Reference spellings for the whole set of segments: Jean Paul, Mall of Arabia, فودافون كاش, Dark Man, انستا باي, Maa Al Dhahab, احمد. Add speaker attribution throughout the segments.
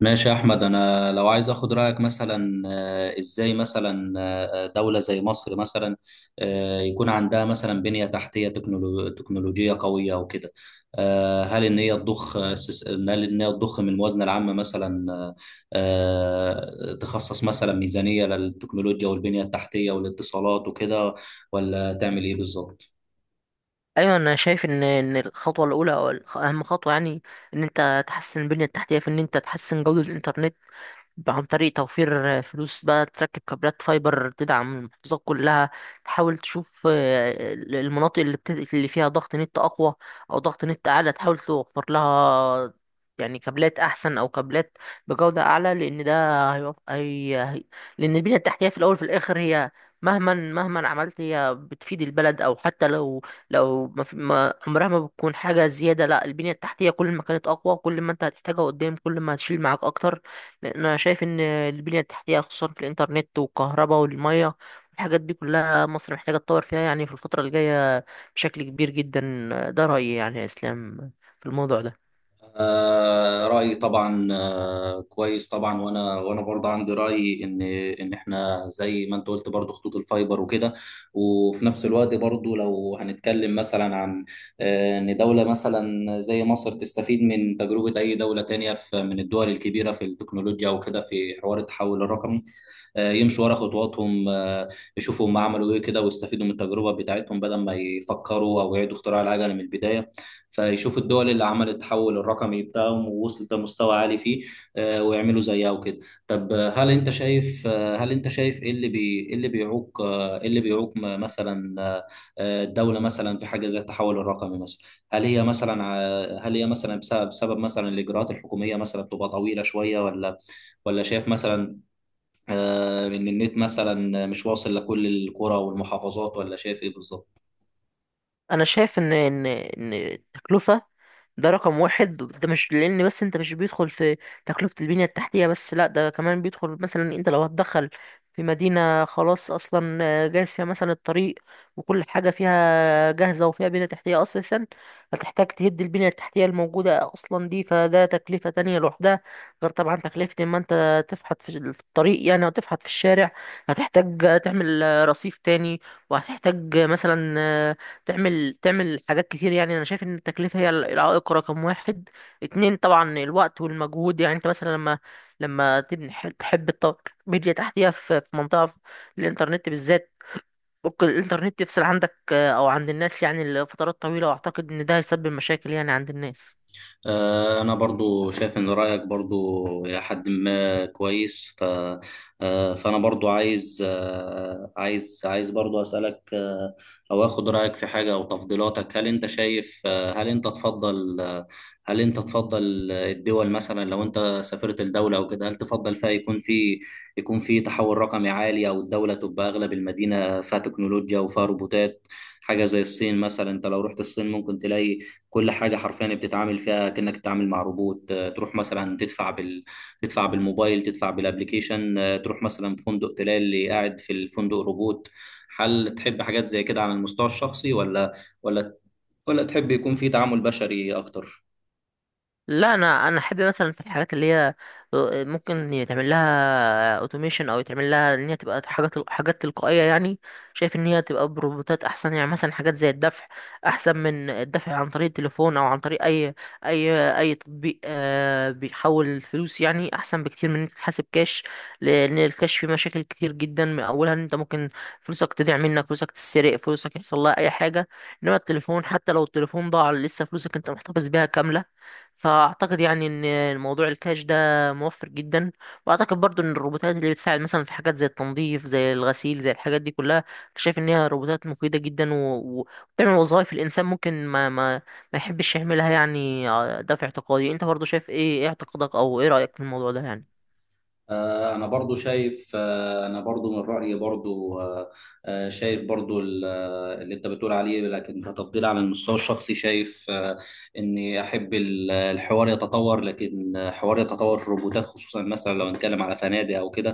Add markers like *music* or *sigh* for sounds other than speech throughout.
Speaker 1: ماشي يا احمد، انا لو عايز اخد رايك مثلا ازاي مثلا دوله زي مصر مثلا يكون عندها مثلا بنيه تحتيه تكنولوجيه قويه وكده. هل ان هي هل ان هي تضخ من الموازنه العامه مثلا، تخصص مثلا ميزانيه للتكنولوجيا والبنيه التحتيه والاتصالات وكده، ولا تعمل ايه بالظبط؟
Speaker 2: ايوه، انا شايف ان الخطوه الاولى او اهم خطوه، يعني ان انت تحسن البنيه التحتيه، في ان انت تحسن جوده الانترنت عن طريق توفير فلوس، بقى تركب كابلات فايبر تدعم المحافظات كلها. تحاول تشوف المناطق اللي فيها ضغط نت أقوى أو ضغط نت أعلى، تحاول توفر لها يعني كابلات أحسن أو كابلات بجودة أعلى، لأن ده هيوف... هي... هي... لأن البنية التحتية في الأول في الآخر هي مهما مهما عملت هي بتفيد البلد، أو حتى لو ما عمرها ما بتكون حاجة زيادة. لا، البنية التحتية كل ما كانت أقوى، كل ما أنت هتحتاجها قدام، كل ما هتشيل معاك أكتر، لان انا شايف ان البنيه التحتيه خصوصا في الانترنت والكهرباء والميه والحاجات دي كلها، مصر محتاجه تطور فيها يعني في الفتره الجايه بشكل كبير جدا. ده رايي يعني يا اسلام في الموضوع ده.
Speaker 1: رأيي طبعا كويس طبعا. وانا برضه عندي رأي ان احنا زي ما انت قلت برضه خطوط الفايبر وكده، وفي نفس الوقت برضه لو هنتكلم مثلا عن ان دولة مثلا زي مصر تستفيد من تجربة اي دولة تانية في من الدول الكبيرة في التكنولوجيا وكده في حوار التحول الرقمي. يمشوا ورا خطواتهم، يشوفوا هم عملوا ايه كده، ويستفيدوا من التجربة بتاعتهم بدل ما يفكروا او يعيدوا اختراع العجلة من البداية، فيشوفوا الدول اللي عملت التحول الرقمي بتاعهم ووصلت لمستوى عالي فيه، ويعملوا زيها وكده. طب هل انت شايف ايه اللي بيعوق مثلا الدولة مثلا في حاجة زي التحول الرقمي مثلا؟ هل هي مثلا بسبب مثلا الإجراءات الحكومية مثلا بتبقى طويلة شوية، ولا شايف مثلا ان النت مثلا مش واصل لكل القرى والمحافظات، ولا شايف ايه بالظبط؟
Speaker 2: انا شايف ان ان التكلفه، ده رقم واحد، ده مش لان بس انت مش بيدخل في تكلفة البنية التحتية بس، لا، ده كمان بيدخل. مثلا انت لو هتدخل في مدينة خلاص اصلا جاهز فيها مثلا الطريق وكل حاجة فيها جاهزة وفيها بنية تحتية اساسا، هتحتاج تهد البنية التحتية الموجودة اصلا دي، فده تكلفة تانية لوحدها. غير طبعا تكلفة اما انت تفحط في الطريق يعني او تفحط في الشارع، هتحتاج تعمل رصيف تاني، وهتحتاج مثلا تعمل حاجات كتير. يعني انا شايف ان التكلفه هي العائق رقم واحد. اتنين طبعا الوقت والمجهود، يعني انت مثلا لما تبني، تحب تطور ميديا تحتيها في منطقه في الانترنت بالذات، ممكن الانترنت يفصل عندك او عند الناس يعني لفترات طويله، واعتقد ان ده هيسبب مشاكل يعني عند الناس.
Speaker 1: أنا برضو شايف إن رأيك برضو إلى حد ما كويس. فأنا برضو عايز عايز برضو أسألك، أو أخد رأيك في حاجة أو تفضيلاتك. هل أنت تفضل الدول مثلا، لو أنت سافرت الدولة أو كده، هل تفضل فيها يكون في تحول رقمي عالي، أو الدولة تبقى أغلب المدينة فيها تكنولوجيا وفيها روبوتات، حاجة زي الصين مثلا؟ أنت لو رحت الصين ممكن تلاقي كل حاجة حرفيا بتتعامل فيها كأنك بتتعامل مع روبوت. تروح مثلا تدفع بالموبايل، تدفع بالابليكيشن، تروح مثلا في فندق تلاقي اللي قاعد في الفندق روبوت. هل تحب حاجات زي كده على المستوى الشخصي، ولا ولا تحب يكون في تعامل بشري أكتر؟
Speaker 2: لا، انا احب مثلا في الحاجات اللي هي ممكن يتعمل لها اوتوميشن، او يتعمل لها ان هي تبقى حاجات حاجات تلقائيه يعني. شايف ان هي تبقى بروبوتات احسن، يعني مثلا حاجات زي الدفع احسن من الدفع عن طريق التليفون، او عن طريق اي تطبيق بيحول الفلوس، يعني احسن بكتير من انك تحاسب كاش، لان الكاش فيه مشاكل كتير جدا. من اولها ان انت ممكن فلوسك تضيع منك، فلوسك تتسرق، فلوسك يحصل لها اي حاجه. انما التليفون حتى لو التليفون ضاع لسه فلوسك انت محتفظ بيها كامله. فاعتقد يعني ان الموضوع الكاش ده موفر جدا. واعتقد برضو ان الروبوتات اللي بتساعد مثلا في حاجات زي التنظيف، زي الغسيل، زي الحاجات دي كلها، شايف ان هي روبوتات مفيدة جدا وبتعمل وظائف الانسان ممكن ما يحبش يعملها يعني. ده في اعتقادي. انت برضو شايف ايه اعتقادك او ايه رأيك في الموضوع ده يعني؟
Speaker 1: انا برضو من رايي برضو، شايف برضو اللي انت بتقول عليه، لكن كتفضيل على المستوى الشخصي شايف اني احب الحوار يتطور، لكن حوار يتطور في الروبوتات خصوصا مثلا لو نتكلم على فنادق او كده.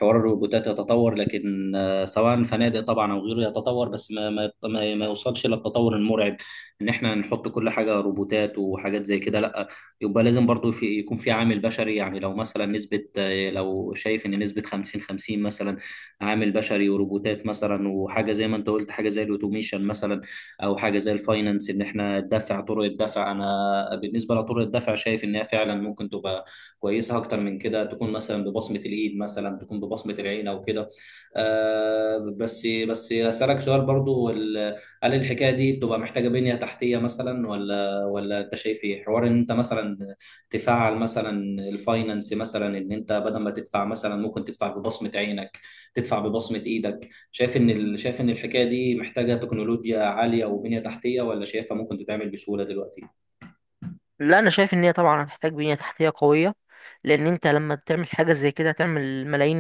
Speaker 1: حوار الروبوتات يتطور، لكن سواء فنادق طبعا او غيره يتطور بس ما يوصلش للتطور المرعب، ان احنا نحط كل حاجه روبوتات وحاجات زي كده. لا، يبقى لازم برضو يكون في عامل بشري. يعني لو مثلا نسبة آه، لو شايف ان نسبة 50 50 مثلا، عامل بشري وروبوتات مثلا، وحاجة زي ما انت قلت، حاجة زي الاوتوميشن مثلا، او حاجة زي الفاينانس ان احنا ندفع طرق الدفع. انا بالنسبة لطرق الدفع شايف انها فعلا ممكن تبقى كويسة اكتر من كده، تكون مثلا ببصمة الايد، مثلا تكون ببصمة العين او كده. بس اسالك سؤال برضو: هل الحكاية دي بتبقى محتاجة بنية تحتية مثلا، ولا انت شايف ايه حوار ان انت مثلا تفعل مثلا الفاينانس مثلا؟ ان انت بدل ما تدفع، مثلا ممكن تدفع ببصمة عينك، تدفع ببصمة ايدك. شايف ان الحكاية دي محتاجة تكنولوجيا عالية وبنية تحتية، ولا شايفها ممكن تتعمل بسهولة دلوقتي؟
Speaker 2: لا، انا شايف ان هي طبعا هتحتاج بنية تحتية قوية، لان انت لما تعمل حاجة زي كده تعمل ملايين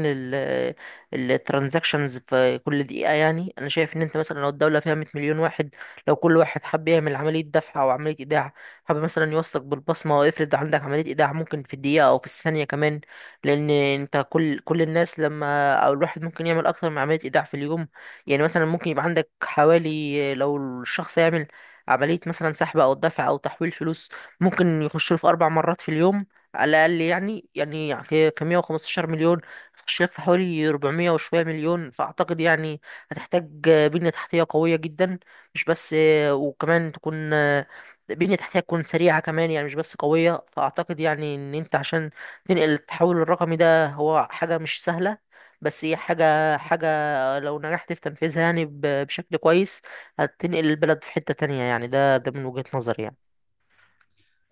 Speaker 2: الترانزاكشنز في كل دقيقة. يعني انا شايف ان انت مثلا لو الدولة فيها 100 مليون واحد، لو كل واحد حب يعمل عملية دفع او عملية ايداع، حب مثلا يوصلك بالبصمة، وافرض عندك عملية ايداع ممكن في الدقيقة او في الثانية كمان، لان انت كل الناس، لما او الواحد ممكن يعمل اكتر من عملية ايداع في اليوم، يعني مثلا ممكن يبقى عندك حوالي، لو الشخص يعمل عملية مثلا سحب أو دفع أو تحويل فلوس، ممكن يخش له في 4 مرات في اليوم على الاقل. يعني في 115 مليون تخش لك في حوالي 400 وشويه مليون. فاعتقد يعني هتحتاج بنيه تحتيه قويه جدا، مش بس وكمان تكون بنيه تحتيه تكون سريعه كمان، يعني مش بس قويه. فاعتقد يعني ان انت عشان تنقل التحول الرقمي ده، هو حاجه مش سهله، بس هي حاجه حاجه لو نجحت في تنفيذها يعني بشكل كويس، هتنقل البلد في حته تانية. يعني ده من وجهه نظري يعني.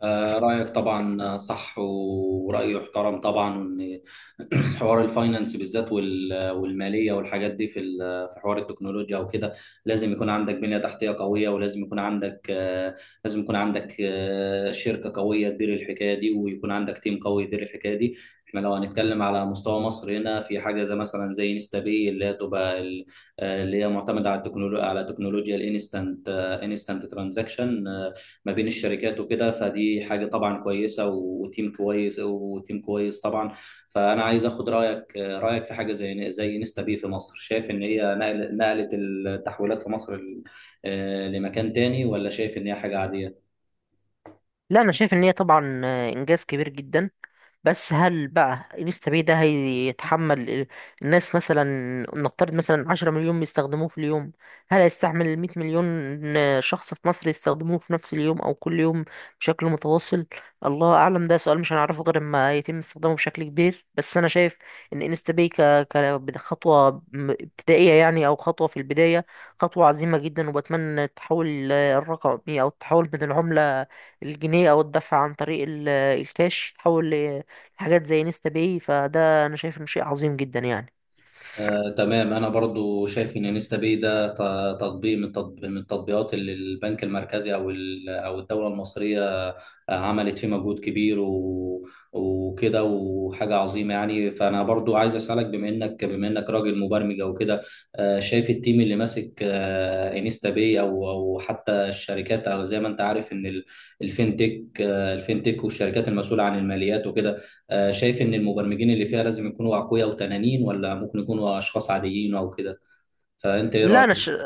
Speaker 1: رأيك طبعا صح، ورأيي احترم طبعا. *clears throat* حوار الفاينانس بالذات، والماليه والحاجات دي في حوار التكنولوجيا وكده، لازم يكون عندك بنيه تحتيه قويه، ولازم يكون عندك شركه قويه تدير الحكايه دي، ويكون عندك تيم قوي يدير الحكايه دي. احنا لو هنتكلم على مستوى مصر، هنا في حاجه زي مثلا زي انستا باي، اللي هي تبقى اللي هي معتمده على التكنولوجيا، على تكنولوجيا انستنت ترانزاكشن، ما بين الشركات وكده. فدي حاجه طبعا كويسه وتيم كويس طبعا. فانا عايز اخد رايك في حاجه زي نستا بي في مصر. شايف ان هي نقلت التحويلات في مصر لمكان تاني، ولا شايف ان هي حاجه عاديه؟
Speaker 2: لا، انا شايف ان هي طبعا انجاز كبير جدا. بس هل بقى انستا باي ده هيتحمل الناس مثلا، نفترض مثلا 10 مليون بيستخدموه في اليوم، هل هيستحمل المية مليون شخص في مصر يستخدموه في نفس اليوم او كل يوم بشكل متواصل؟ الله اعلم، ده سؤال مش هنعرفه غير اما يتم استخدامه بشكل كبير. بس انا شايف ان انستا باي خطوة ابتدائية، يعني او خطوة في البداية، خطوة عظيمة جدا. وبتمنى التحول الرقمي، او التحول من العملة الجنيه، او الدفع عن طريق الكاش، تحول حاجات زي نيستا باي. فده انا شايف انه شيء عظيم جدا يعني.
Speaker 1: تمام. انا برضو شايف ان انستا باي ده تطبيق من التطبيقات اللي البنك المركزي او الدوله المصريه عملت فيه مجهود كبير وكده، وحاجه عظيمه يعني. فانا برضو عايز اسالك، بما انك راجل مبرمج او كده، شايف التيم اللي ماسك انستا باي، او حتى الشركات، او زي ما انت عارف ان الفينتك والشركات المسؤوله عن الماليات وكده، شايف ان المبرمجين اللي فيها لازم يكونوا اقوياء وتنانين، ولا ممكن يكونوا اشخاص عاديين او كده؟ فانت ايه
Speaker 2: لا،
Speaker 1: رايك؟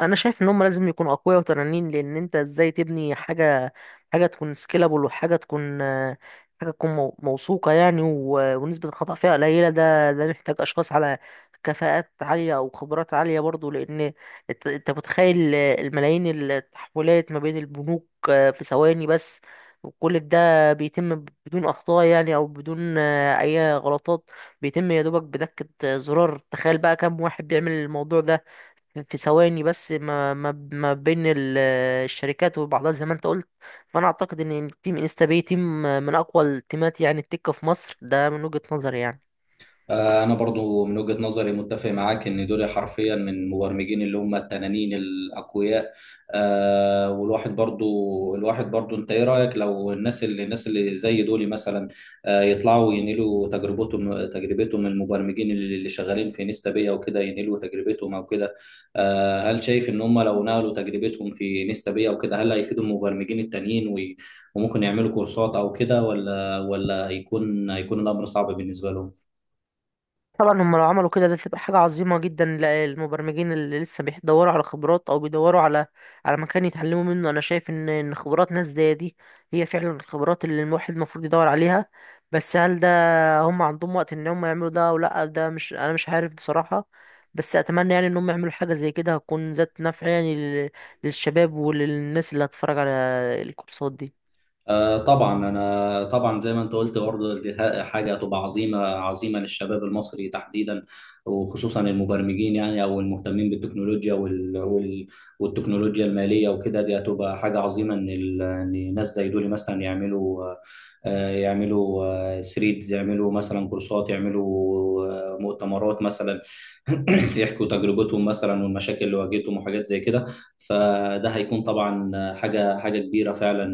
Speaker 2: انا شايف ان هم لازم يكونوا اقوياء وتنانين، لان انت ازاي تبني حاجه حاجه تكون سكيلابل، وحاجه تكون حاجه تكون موثوقه يعني، ونسبه الخطا فيها قليله. ده محتاج اشخاص على كفاءات عاليه او خبرات عاليه برضو. لان انت متخيل الملايين التحولات ما بين البنوك في ثواني بس، وكل ده بيتم بدون اخطاء يعني او بدون اي غلطات، بيتم يا دوبك بدكه زرار. تخيل بقى كم واحد بيعمل الموضوع ده في ثواني بس، ما بين الشركات وبعضها زي ما انت قلت. فانا اعتقد ان تيم انستا باي تيم من اقوى التيمات يعني التكه في مصر، ده من وجهة نظري يعني.
Speaker 1: أنا برضو من وجهة نظري متفق معاك إن دول حرفيا من المبرمجين اللي هم التنانين الأقوياء. آه، والواحد برضو الواحد برضو، أنت إيه رأيك لو الناس اللي زي دول مثلا يطلعوا ينقلوا تجربتهم، المبرمجين اللي شغالين في نيستا بيا وكده، ينقلوا تجربتهم أو كده؟ هل شايف إن هم لو نقلوا تجربتهم في نيستا بيا وكده، هل هيفيدوا المبرمجين التانيين، وممكن يعملوا كورسات أو كده، ولا هيكون الأمر صعب بالنسبة لهم؟
Speaker 2: طبعا هم لو عملوا كده، ده تبقى حاجة عظيمة جدا للمبرمجين اللي لسه بيدوروا على خبرات، او بيدوروا على مكان يتعلموا منه. انا شايف ان خبرات ناس زي دي هي فعلا الخبرات اللي الواحد المفروض يدور عليها. بس هل ده هم عندهم وقت ان هم يعملوا ده او لا، ده مش انا مش عارف بصراحة. بس اتمنى يعني ان هم يعملوا حاجة زي كده، هتكون ذات نفع يعني للشباب وللناس اللي هتتفرج على الكورسات دي.
Speaker 1: طبعا، انا طبعا زي ما انت قلت برضه، دي حاجه هتبقى عظيمه عظيمه للشباب المصري تحديدا، وخصوصا المبرمجين يعني، او المهتمين بالتكنولوجيا والتكنولوجيا الماليه وكده. دي هتبقى حاجه عظيمه ان ان ناس زي دول مثلا يعملوا ثريدز، يعملوا مثلا كورسات، يعملوا مؤتمرات مثلا. *clears throat* يحكوا تجربتهم مثلا، والمشاكل اللي واجهتهم وحاجات زي كده. فده هيكون طبعا حاجه كبيره فعلا،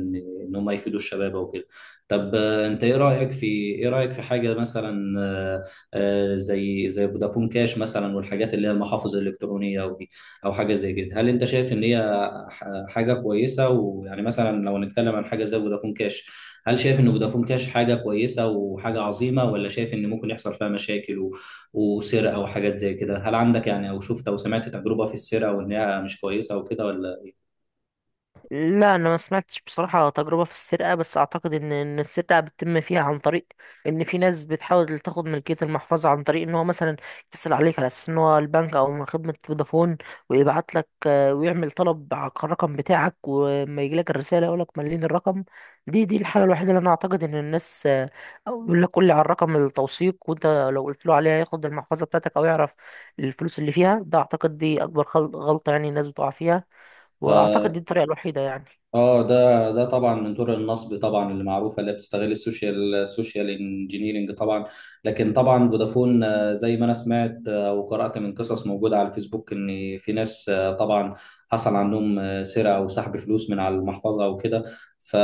Speaker 1: ان هم يفيدوا الشباب او كده. طب انت ايه رايك في حاجه مثلا زي فودافون كاش مثلا، والحاجات اللي هي المحافظ الالكترونيه او دي، او حاجه زي كده. هل انت شايف ان هي حاجه كويسه؟ ويعني مثلا لو نتكلم عن حاجه زي فودافون كاش، هل شايف ان فودافون كاش حاجه كويسه وحاجه عظيمه، ولا شايف ان ممكن يحصل فيها مشاكل وسرقه وحاجات زي كده؟ هل عندك يعني، او شفت او سمعت تجربه في السرقه وان هي مش كويسه وكده ولا؟
Speaker 2: لا، انا ما سمعتش بصراحه تجربه في السرقه، بس اعتقد ان السرقه بتتم فيها عن طريق ان في ناس بتحاول تاخد ملكيه المحفظه عن طريق ان هو مثلا يتصل عليك على اساس ان هو البنك او من خدمه فودافون، ويبعت لك ويعمل طلب على الرقم بتاعك، وما يجي لك الرساله يقول لك مليين الرقم. دي الحاله الوحيده اللي انا اعتقد ان الناس، او يقول لك قول لي على الرقم التوثيق، وانت لو قلت له عليها ياخد المحفظه بتاعتك او يعرف الفلوس اللي فيها. ده اعتقد دي اكبر غلطه يعني الناس بتقع فيها، واعتقد
Speaker 1: آه،
Speaker 2: دي الطريقه الوحيده يعني.
Speaker 1: ده طبعا من طرق النصب طبعا اللي معروفه، اللي بتستغل السوشيال، انجينيرنج طبعا. لكن طبعا فودافون زي ما انا سمعت وقرات من قصص موجوده على الفيسبوك ان في ناس طبعا حصل عندهم سرقه او سحب فلوس من على المحفظه او كده. ف...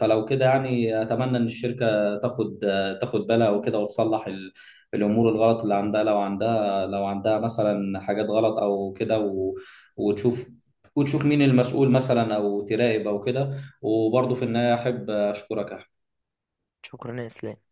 Speaker 1: فلو كده يعني، اتمنى ان الشركه تاخد، بالها وكده، وتصلح الامور الغلط اللي عندها، لو عندها، مثلا حاجات غلط او كده وتشوف وتشوف مين المسؤول مثلا، او تراقب او كده. وبرضه في النهايه احب اشكرك يا أحمد.
Speaker 2: شكرا يا اسلام.